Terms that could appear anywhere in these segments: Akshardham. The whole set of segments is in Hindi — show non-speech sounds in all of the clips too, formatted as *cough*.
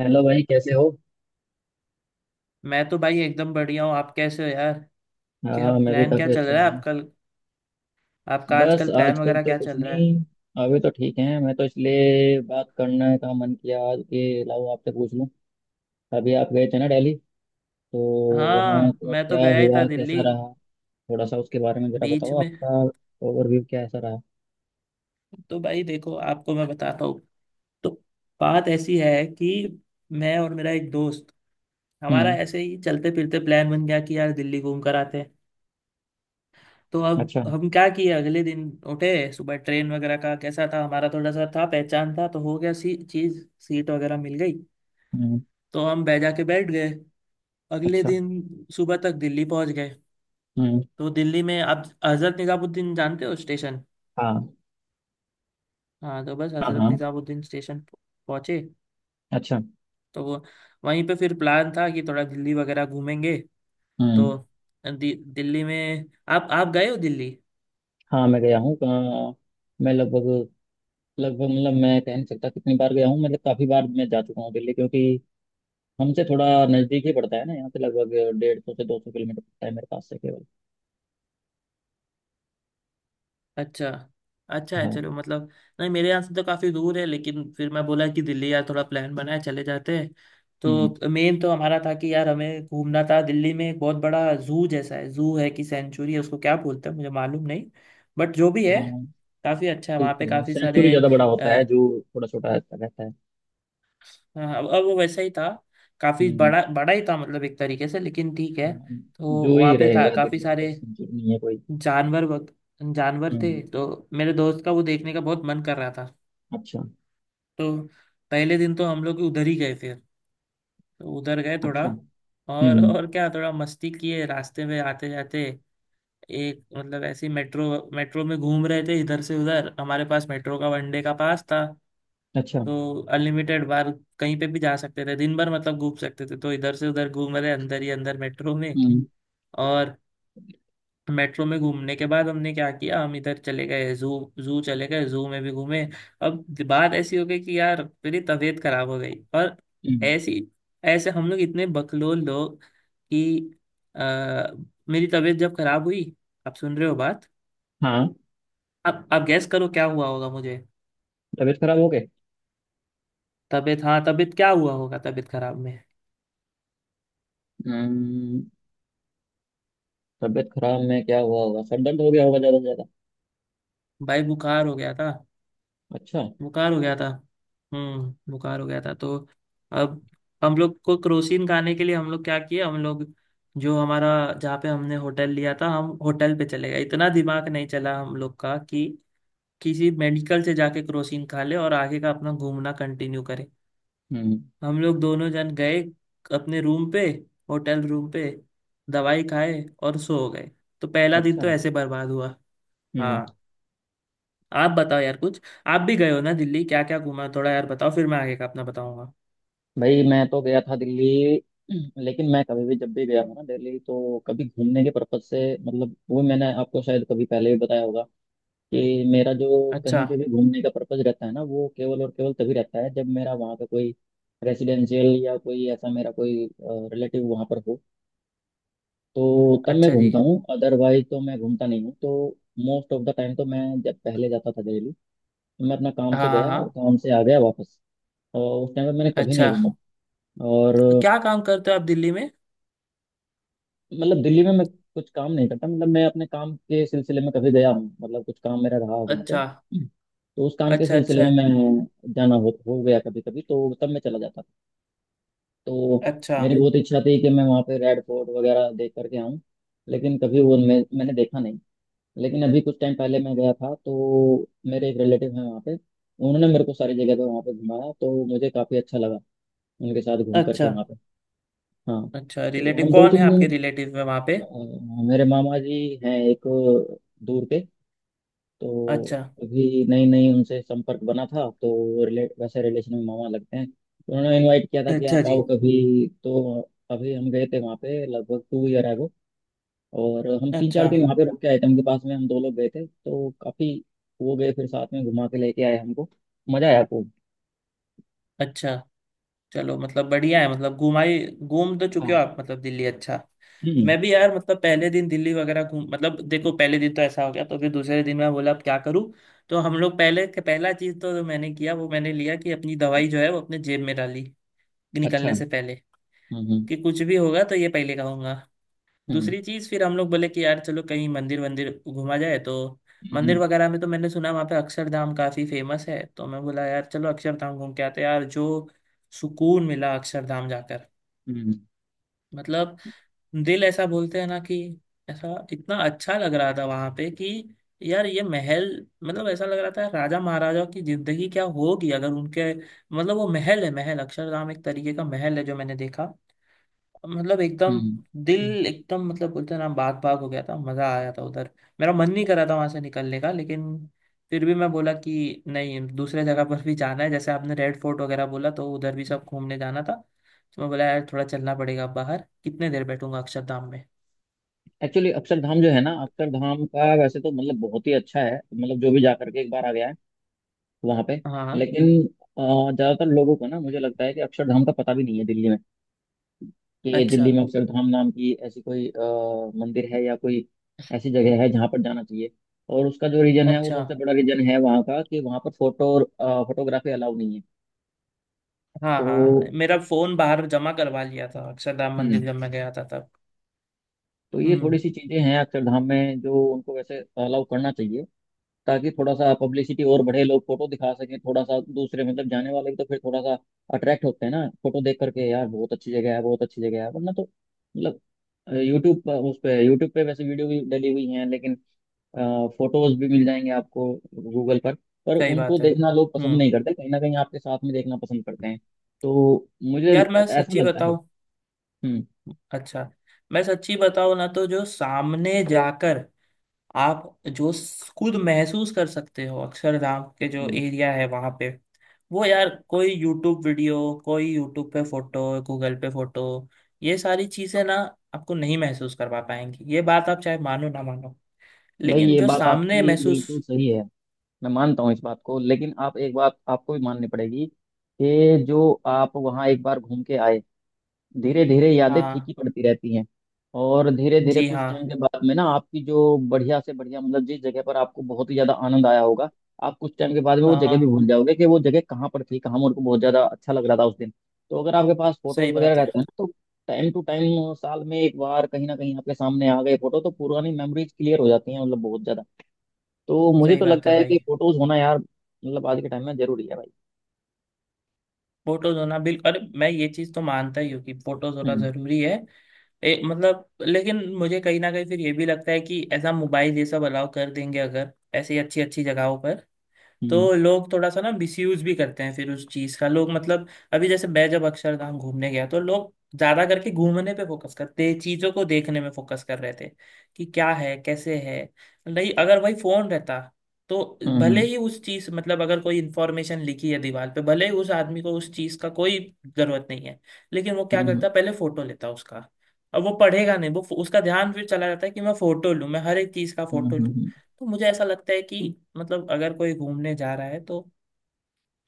हेलो भाई, कैसे हो। मैं तो भाई एकदम बढ़िया हूँ। आप कैसे हो यार? क्या हाँ, मैं भी प्लान, क्या काफ़ी चल अच्छा रहा है हूँ। आपका? बस आजकल प्लान आजकल वगैरह तो क्या कुछ चल रहा है? नहीं। अभी तो ठीक है, मैं तो इसलिए बात करने का मन किया आज कि लाओ आपसे पूछ लूँ। अभी आप गए थे ना दिल्ली, तो वहाँ हाँ, का मैं तो क्या गया ही था हुआ, कैसा दिल्ली रहा। थोड़ा सा उसके बारे में जरा बीच बताओ। में। आपका ओवरव्यू क्या ऐसा रहा। तो भाई देखो, आपको मैं बताता हूँ। तो बात ऐसी है कि मैं और मेरा एक दोस्त, हमारा हम्म। ऐसे ही चलते फिरते प्लान बन गया कि यार दिल्ली घूम कर आते हैं। तो अब अच्छा। हम क्या किए, अगले दिन उठे सुबह, ट्रेन वगैरह का कैसा था, हमारा थोड़ा सा था पहचान था तो हो गया, सी चीज सीट वगैरह मिल गई। हम्म। तो हम बैजा के बैठ गए। अगले अच्छा। दिन सुबह तक दिल्ली पहुंच गए। हम्म। तो दिल्ली में आप हजरत निजामुद्दीन जानते हो स्टेशन? हाँ, हाँ, तो बस हाँ, हजरत हाँ। निजामुद्दीन स्टेशन पहुंचे। अच्छा। तो वो वहीं पे फिर प्लान था कि थोड़ा दिल्ली वगैरह घूमेंगे। हम्म। तो दिल्ली में, आप गए हो दिल्ली? हाँ, मैं गया हूँ मैं लगभग लगभग मतलब मैं कह नहीं सकता कितनी बार गया हूँ, मतलब काफ़ी बार मैं जा चुका हूँ दिल्ली, क्योंकि हमसे थोड़ा नजदीक ही पड़ता है ना, यहाँ से लगभग 150 से 200 किलोमीटर पड़ता है मेरे पास से केवल। अच्छा, अच्छा है, हाँ। चलो मतलब। नहीं, मेरे यहाँ से तो काफ़ी दूर है, लेकिन फिर मैं बोला कि दिल्ली यार, थोड़ा प्लान बनाए चले जाते हैं। हम्म। तो मेन तो हमारा था कि यार हमें घूमना था, दिल्ली में एक बहुत बड़ा जू जैसा है, जू है कि सेंचुरी है, उसको क्या बोलते हैं मुझे मालूम नहीं। बट जो भी है, हाँ, काफ़ी अच्छा है, वहाँ ठीक पे है, काफ़ी सेंचुरी सारे। ज्यादा बड़ा अ, होता है, जू थोड़ा छोटा रहता रहता है। हाँ, अब वो वैसा ही था, काफ़ी हम्म। बड़ा बड़ा ही था मतलब एक तरीके से, लेकिन ठीक है। हाँ, तो जू ही वहाँ पे रहेगा काफ़ी दिल्ली में तो, सारे सेंचुरी नहीं है कोई। जानवर वग- जानवर थे हम्म। तो मेरे दोस्त का वो देखने का बहुत मन कर रहा था। अच्छा। तो पहले दिन तो हम लोग उधर ही गए फिर। तो उधर गए थोड़ा, अच्छा। हम्म। और क्या, थोड़ा मस्ती किए रास्ते में आते जाते। एक मतलब ऐसी मेट्रो मेट्रो में घूम रहे थे इधर से उधर, हमारे पास मेट्रो का वनडे का पास था। अच्छा। तो अनलिमिटेड बार कहीं पे भी जा सकते थे दिन भर, मतलब घूम सकते थे, तो इधर से उधर घूम रहे अंदर ही अंदर मेट्रो में। हम्म। और मेट्रो में घूमने के बाद हमने क्या किया, हम इधर चले गए जू। जू चले गए, जू में भी घूमे। अब बात ऐसी हो गई कि यार मेरी तबीयत खराब हो गई और हम्म। ऐसी ऐसे हम लोग इतने बकलोल लोग कि आ, मेरी तबीयत जब खराब हुई। आप सुन रहे हो बात? हाँ, अब गैस करो क्या हुआ होगा मुझे। तबीयत खराब हो गई। तबीयत, हाँ, तबीयत क्या हुआ होगा तबीयत खराब में? हम्म। तबीयत खराब में क्या हुआ होगा, सर दर्द हो गया होगा ज्यादा से ज्यादा। भाई बुखार हो गया था। अच्छा। बुखार हो गया था। हम्म, बुखार हो गया था तो अब हम लोग को क्रोसिन खाने के लिए, हम लोग क्या किए, हम लोग जो हमारा, जहाँ पे हमने होटल लिया था हम होटल पे चले गए। इतना दिमाग नहीं चला हम लोग का कि किसी मेडिकल से जाके क्रोसिन खा ले और आगे का अपना घूमना कंटिन्यू करें। हम्म। हम लोग दोनों जन गए अपने रूम पे, होटल रूम पे, दवाई खाए और सो गए। तो पहला दिन अच्छा। तो ऐसे बर्बाद हुआ। हम्म। हाँ, आप बताओ यार कुछ, आप भी गए हो ना दिल्ली, क्या क्या घूमा थोड़ा यार बताओ, फिर मैं आगे का अपना बताऊंगा। भाई, मैं तो गया था दिल्ली, लेकिन मैं कभी भी जब भी गया हूँ ना दिल्ली, तो कभी घूमने के पर्पज से, मतलब वो मैंने आपको शायद कभी पहले भी बताया होगा कि मेरा जो अच्छा। कहीं पे भी घूमने का पर्पज रहता है ना, वो केवल और केवल तभी रहता है जब मेरा वहाँ पे कोई रेसिडेंशियल या कोई ऐसा मेरा कोई रिलेटिव वहाँ पर हो। तो तब मैं अच्छा घूमता जी। हूँ, अदरवाइज तो मैं घूमता नहीं हूँ। तो मोस्ट ऑफ द टाइम तो मैं जब पहले जाता था दिल्ली, तो मैं अपना काम हाँ, से हाँ, गया और हाँ। काम से आ गया वापस, और उस टाइम पे मैंने कभी अच्छा, नहीं घूमा। और क्या काम करते हो आप दिल्ली में? मतलब दिल्ली में मैं कुछ काम नहीं करता, मतलब मैं अपने काम के सिलसिले में कभी गया हूँ, मतलब कुछ काम मेरा रहा वहाँ पे। अच्छा, तो उस काम के अच्छा। सिलसिले अच्छा, में मैं जाना हो गया कभी कभी, तो तब मैं चला जाता। तो अच्छा। मेरी बहुत इच्छा थी कि मैं वहाँ पे रेड फोर्ट वगैरह देख करके आऊँ, लेकिन कभी वो मैंने देखा नहीं। लेकिन अभी कुछ टाइम पहले मैं गया था तो मेरे एक रिलेटिव हैं वहाँ पे, उन्होंने मेरे को सारी जगह पे वहाँ पे घुमाया, तो मुझे काफ़ी अच्छा लगा उनके साथ घूम करके अच्छा। वहाँ पे। हाँ। अच्छा, तो रिलेटिव हम दो कौन है तीन दिन आपके, रिलेटिव में वहाँ पे? अ, मेरे मामा जी हैं एक, दूर के। तो अच्छा। अभी नई नई उनसे संपर्क बना था, तो रिले वैसे रिलेशन में मामा लगते हैं, तो उन्होंने इनवाइट किया था कि अच्छा आप जी। आओ कभी। तो अभी हम गए थे वहाँ पे लगभग 2 year ago, और हम तीन अच्छा। चार दिन वहाँ पे रुक के आए थे उनके पास में, हम दो लोग गए थे, तो काफी वो गए फिर साथ में घुमा के लेके आए हमको। मजा आया खूब। अच्छा, चलो मतलब बढ़िया है, मतलब घुमाई, घूम तो चुके हो हाँ। आप मतलब दिल्ली, अच्छा। हम्म। मैं भी यार मतलब पहले दिन दिल्ली वगैरह घूम, मतलब देखो पहले दिन तो ऐसा हो गया, तो फिर दूसरे दिन मैं बोला अब क्या करूँ। तो हम लोग पहले, पहला चीज तो जो मैंने किया, वो मैंने लिया कि अपनी दवाई जो है वो अपने जेब में डाली निकलने अच्छा। से पहले, हम्म। कि कुछ भी होगा तो ये पहले कहूंगा। हम्म। दूसरी चीज फिर हम लोग बोले कि यार चलो कहीं मंदिर वंदिर घूमा जाए, तो हम्म। हम्म। मंदिर वगैरह में तो मैंने सुना वहाँ पे अक्षरधाम काफी फेमस है, तो मैं बोला यार चलो अक्षरधाम घूम के आते हैं। यार जो सुकून मिला अक्षरधाम जाकर, हम्म। मतलब दिल ऐसा, बोलते हैं ना कि ऐसा, इतना अच्छा लग रहा था वहां पे कि यार ये महल, मतलब ऐसा लग रहा था राजा महाराजा की जिंदगी क्या होगी, अगर उनके, मतलब वो महल है, महल, अक्षरधाम एक तरीके का महल है जो मैंने देखा। मतलब एकदम हम्म। हम्म। दिल एकदम, मतलब बोलते हैं ना, बाग बाग हो गया था, मजा आया था उधर। मेरा मन नहीं कर रहा था वहां से निकलने का, लेकिन फिर भी मैं बोला कि नहीं, दूसरे जगह पर भी जाना है, जैसे आपने रेड फोर्ट वगैरह बोला, तो उधर भी सब घूमने जाना था। तो मैं बोला यार थोड़ा चलना पड़ेगा बाहर, कितने देर बैठूंगा अक्षरधाम में। एक्चुअली अक्षरधाम जो है ना, अक्षरधाम का वैसे तो मतलब बहुत ही अच्छा है, मतलब जो भी जा करके एक बार आ गया है वहां पे। हाँ। लेकिन अ, ज्यादातर लोगों को ना, मुझे लगता है कि अक्षरधाम का पता भी नहीं है दिल्ली में, कि अच्छा, दिल्ली में अक्षरधाम नाम की ऐसी कोई मंदिर है या कोई ऐसी जगह है जहाँ पर जाना चाहिए। और उसका जो रीजन है, वो अच्छा। सबसे बड़ा रीजन है वहाँ का कि वहाँ पर फोटोग्राफी अलाउ नहीं है। हाँ, तो हाँ, हाँ। मेरा फोन बाहर जमा करवा लिया था अक्षरधाम मंदिर हम्म, जब मैं गया था तब। तो ये थोड़ी हम्म। सी चीजें हैं अक्षरधाम में जो उनको वैसे अलाउ करना चाहिए, ताकि थोड़ा सा पब्लिसिटी और बढ़े, लोग फोटो दिखा सकें थोड़ा सा दूसरे, मतलब जाने वाले भी तो फिर थोड़ा सा अट्रैक्ट होते हैं ना फोटो देख करके। यार बहुत अच्छी जगह है, बहुत अच्छी जगह है, वरना तो मतलब यूट्यूब पर उस पे यूट्यूब पे वैसे वीडियो भी डली हुई हैं, लेकिन फोटोज भी मिल जाएंगे आपको गूगल पर। पर सही उनको बात है, देखना लोग पसंद हम्म। नहीं करते, कहीं ना कहीं आपके साथ में देखना पसंद करते हैं। तो मुझे यार मैं ऐसा सच्ची लगता है। बताऊं, हम्म। अच्छा, मैं सच्ची बताऊं ना, तो जो सामने जाकर आप जो खुद महसूस कर सकते हो अक्षरधाम के जो हम्म। एरिया है वहां पे, वो यार कोई यूट्यूब वीडियो, कोई यूट्यूब पे फोटो, गूगल पे फोटो, ये सारी चीजें ना आपको नहीं महसूस करवा पाएंगी। ये बात आप चाहे मानो ना मानो, भाई, लेकिन ये जो बात सामने आपकी महसूस। बिल्कुल सही है। मैं मानता हूँ इस बात को, लेकिन आप एक बात आपको भी माननी पड़ेगी कि जो आप वहाँ एक बार घूम के आए, धीरे धीरे यादें हाँ। फीकी पड़ती रहती हैं। और धीरे धीरे जी कुछ हाँ। टाइम के बाद में ना आपकी जो बढ़िया से बढ़िया, मतलब जिस जगह पर आपको बहुत ही ज्यादा आनंद आया होगा, आप कुछ टाइम के बाद में वो हाँ, जगह भी हाँ। भूल जाओगे कि वो जगह कहाँ पर थी, कहाँ मेरे को बहुत ज्यादा अच्छा लग रहा था उस दिन। तो अगर आपके पास फोटोज सही वगैरह बात है। रहते हैं ना, तो टाइम टू टाइम साल में एक बार कहीं ना कहीं आपके सामने आ गए फोटो, तो पुरानी मेमोरीज क्लियर हो जाती हैं, मतलब बहुत ज्यादा। तो मुझे सही तो बात लगता है है कि भाई। फोटोज होना यार मतलब आज के टाइम में जरूरी है भाई। फोटोज होना बिल्कुल, अरे मैं ये चीज तो मानता ही हूँ कि फोटोज होना हम्म। जरूरी है। मतलब लेकिन मुझे कहीं ना कहीं फिर ये भी लगता है कि ऐसा मोबाइल ये सब अलाउ कर देंगे अगर ऐसी अच्छी अच्छी जगहों पर, हम्म। तो लोग थोड़ा सा ना मिसयूज भी करते हैं फिर उस चीज का, लोग मतलब। अभी जैसे मैं जब अक्षरधाम घूमने गया, तो लोग ज्यादा करके घूमने पे फोकस करते, चीजों को देखने में फोकस कर रहे थे कि क्या है कैसे है। नहीं अगर वही फोन रहता, तो भले हम्म। ही उस चीज, मतलब अगर कोई इंफॉर्मेशन लिखी है दीवार पे, भले ही उस आदमी को उस चीज का कोई जरूरत नहीं है, लेकिन वो क्या हम्म। करता, पहले फोटो लेता उसका। अब वो पढ़ेगा नहीं, वो उसका ध्यान फिर चला जाता है कि मैं फोटो लूं, मैं हर एक चीज का हम्म। फोटो लूं। तो मुझे ऐसा लगता है कि मतलब अगर कोई घूमने जा रहा है, तो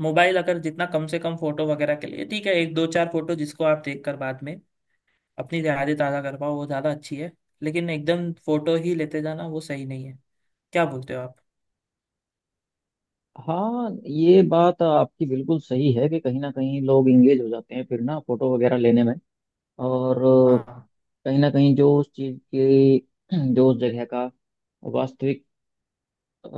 मोबाइल अगर जितना कम से कम, फोटो वगैरह के लिए ठीक है, एक दो चार फोटो जिसको आप देख कर बाद में अपनी यादें ताज़ा कर पाओ, वो ज़्यादा अच्छी है। लेकिन एकदम फोटो ही लेते जाना, वो सही नहीं है। क्या बोलते हो आप? हाँ, ये बात आपकी बिल्कुल सही है कि कहीं ना कहीं लोग इंगेज हो जाते हैं फिर ना फोटो वगैरह लेने में। और हाँ, कहीं ना कहीं जो उस चीज़ की, जो उस जगह का वास्तविक अ,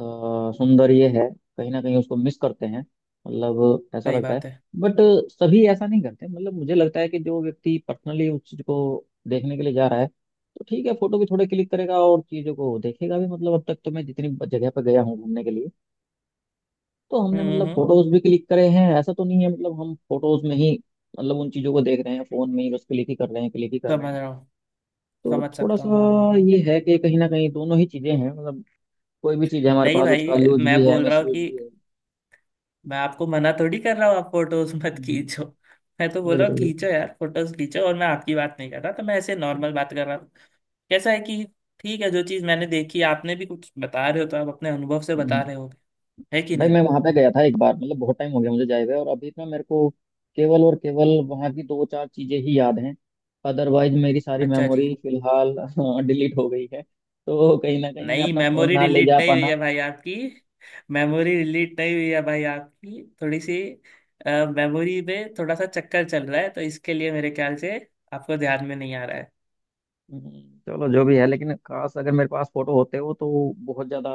सुंदर ये है, कहीं ना कहीं उसको मिस करते हैं, मतलब ऐसा सही लगता है। बात है। बट सभी ऐसा नहीं करते, मतलब मुझे लगता है कि जो व्यक्ति पर्सनली उस चीज को देखने के लिए जा रहा है, तो ठीक है फोटो भी थोड़े क्लिक करेगा और चीजों को देखेगा भी। मतलब अब तक तो मैं जितनी जगह पर गया हूँ घूमने के लिए, तो हमने हम्म, हम्म, मतलब फोटोज भी क्लिक करे हैं, ऐसा तो नहीं है मतलब हम फोटोज में ही, मतलब उन चीजों को देख रहे हैं, फोन में ही बस क्लिक ही कर रहे हैं, क्लिक ही कर रहे समझ हैं। रहा हूँ। तो समझ थोड़ा सकता हूँ, सा हाँ, हाँ, हाँ। ये है कि कहीं ना कहीं दोनों ही चीजें हैं, मतलब कोई भी चीज है हमारे नहीं पास, उसका भाई, यूज मैं भी है बोल रहा मिस हूँ यूज कि भी है। मैं आपको मना थोड़ी कर रहा हूँ आप फोटोज मत हम्म, खींचो। मैं तो बोल रहा हूँ बिल्कुल खींचो बिल्कुल। यार, फोटोज खींचो, और मैं आपकी बात नहीं कर रहा, तो मैं ऐसे नॉर्मल बात कर रहा था। कैसा है कि ठीक है, जो चीज मैंने देखी, आपने भी कुछ बता रहे हो, तो आप अपने अनुभव से हम्म। बता रहे हो। है कि भाई, नहीं? मैं वहां पे गया था एक बार, मतलब बहुत टाइम हो गया मुझे जाए हुए, और अभी ना मेरे को केवल और केवल वहां की दो चार चीजें ही याद हैं, अदरवाइज मेरी सारी अच्छा जी। मेमोरी फिलहाल *laughs* डिलीट हो गई है। तो कहीं ना कहीं मैं नहीं, अपना फोन मेमोरी ना ले डिलीट जा नहीं हुई पाना। है भाई आपकी। मेमोरी डिलीट नहीं हुई है भाई आपकी, थोड़ी सी मेमोरी में थोड़ा सा चक्कर चल रहा है, तो इसके लिए मेरे ख्याल से आपको ध्यान में नहीं आ रहा है। चलो जो भी है, लेकिन काश अगर मेरे पास फोटो होते हो तो बहुत ज्यादा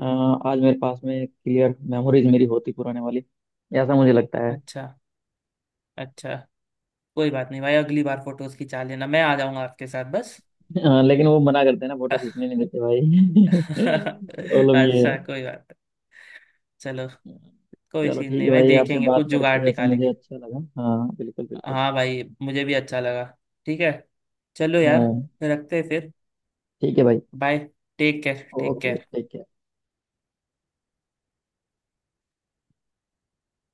अ, आज मेरे पास में क्लियर मेमोरीज मेरी होती पुराने वाली, ऐसा मुझे लगता है। अच्छा। अच्छा, कोई बात नहीं भाई, अगली बार फोटोज खिंचा लेना, मैं आ जाऊंगा आपके साथ बस। *laughs* लेकिन वो मना करते हैं ना, फोटो *laughs* खींचने नहीं देते भाई। *laughs* प्रॉब्लम ये। अच्छा, कोई बात नहीं, चलो, कोई चलो चीज ठीक नहीं है भाई, भाई, आपसे देखेंगे बात कुछ करके जुगाड़ वैसे मुझे निकालेंगे। अच्छा लगा। हाँ, बिल्कुल बिल्कुल। हाँ भाई, मुझे भी अच्छा लगा। ठीक है, चलो यार, हाँ, रखते हैं फिर। ठीक है भाई। बाय। Take okay, care. ठीक है।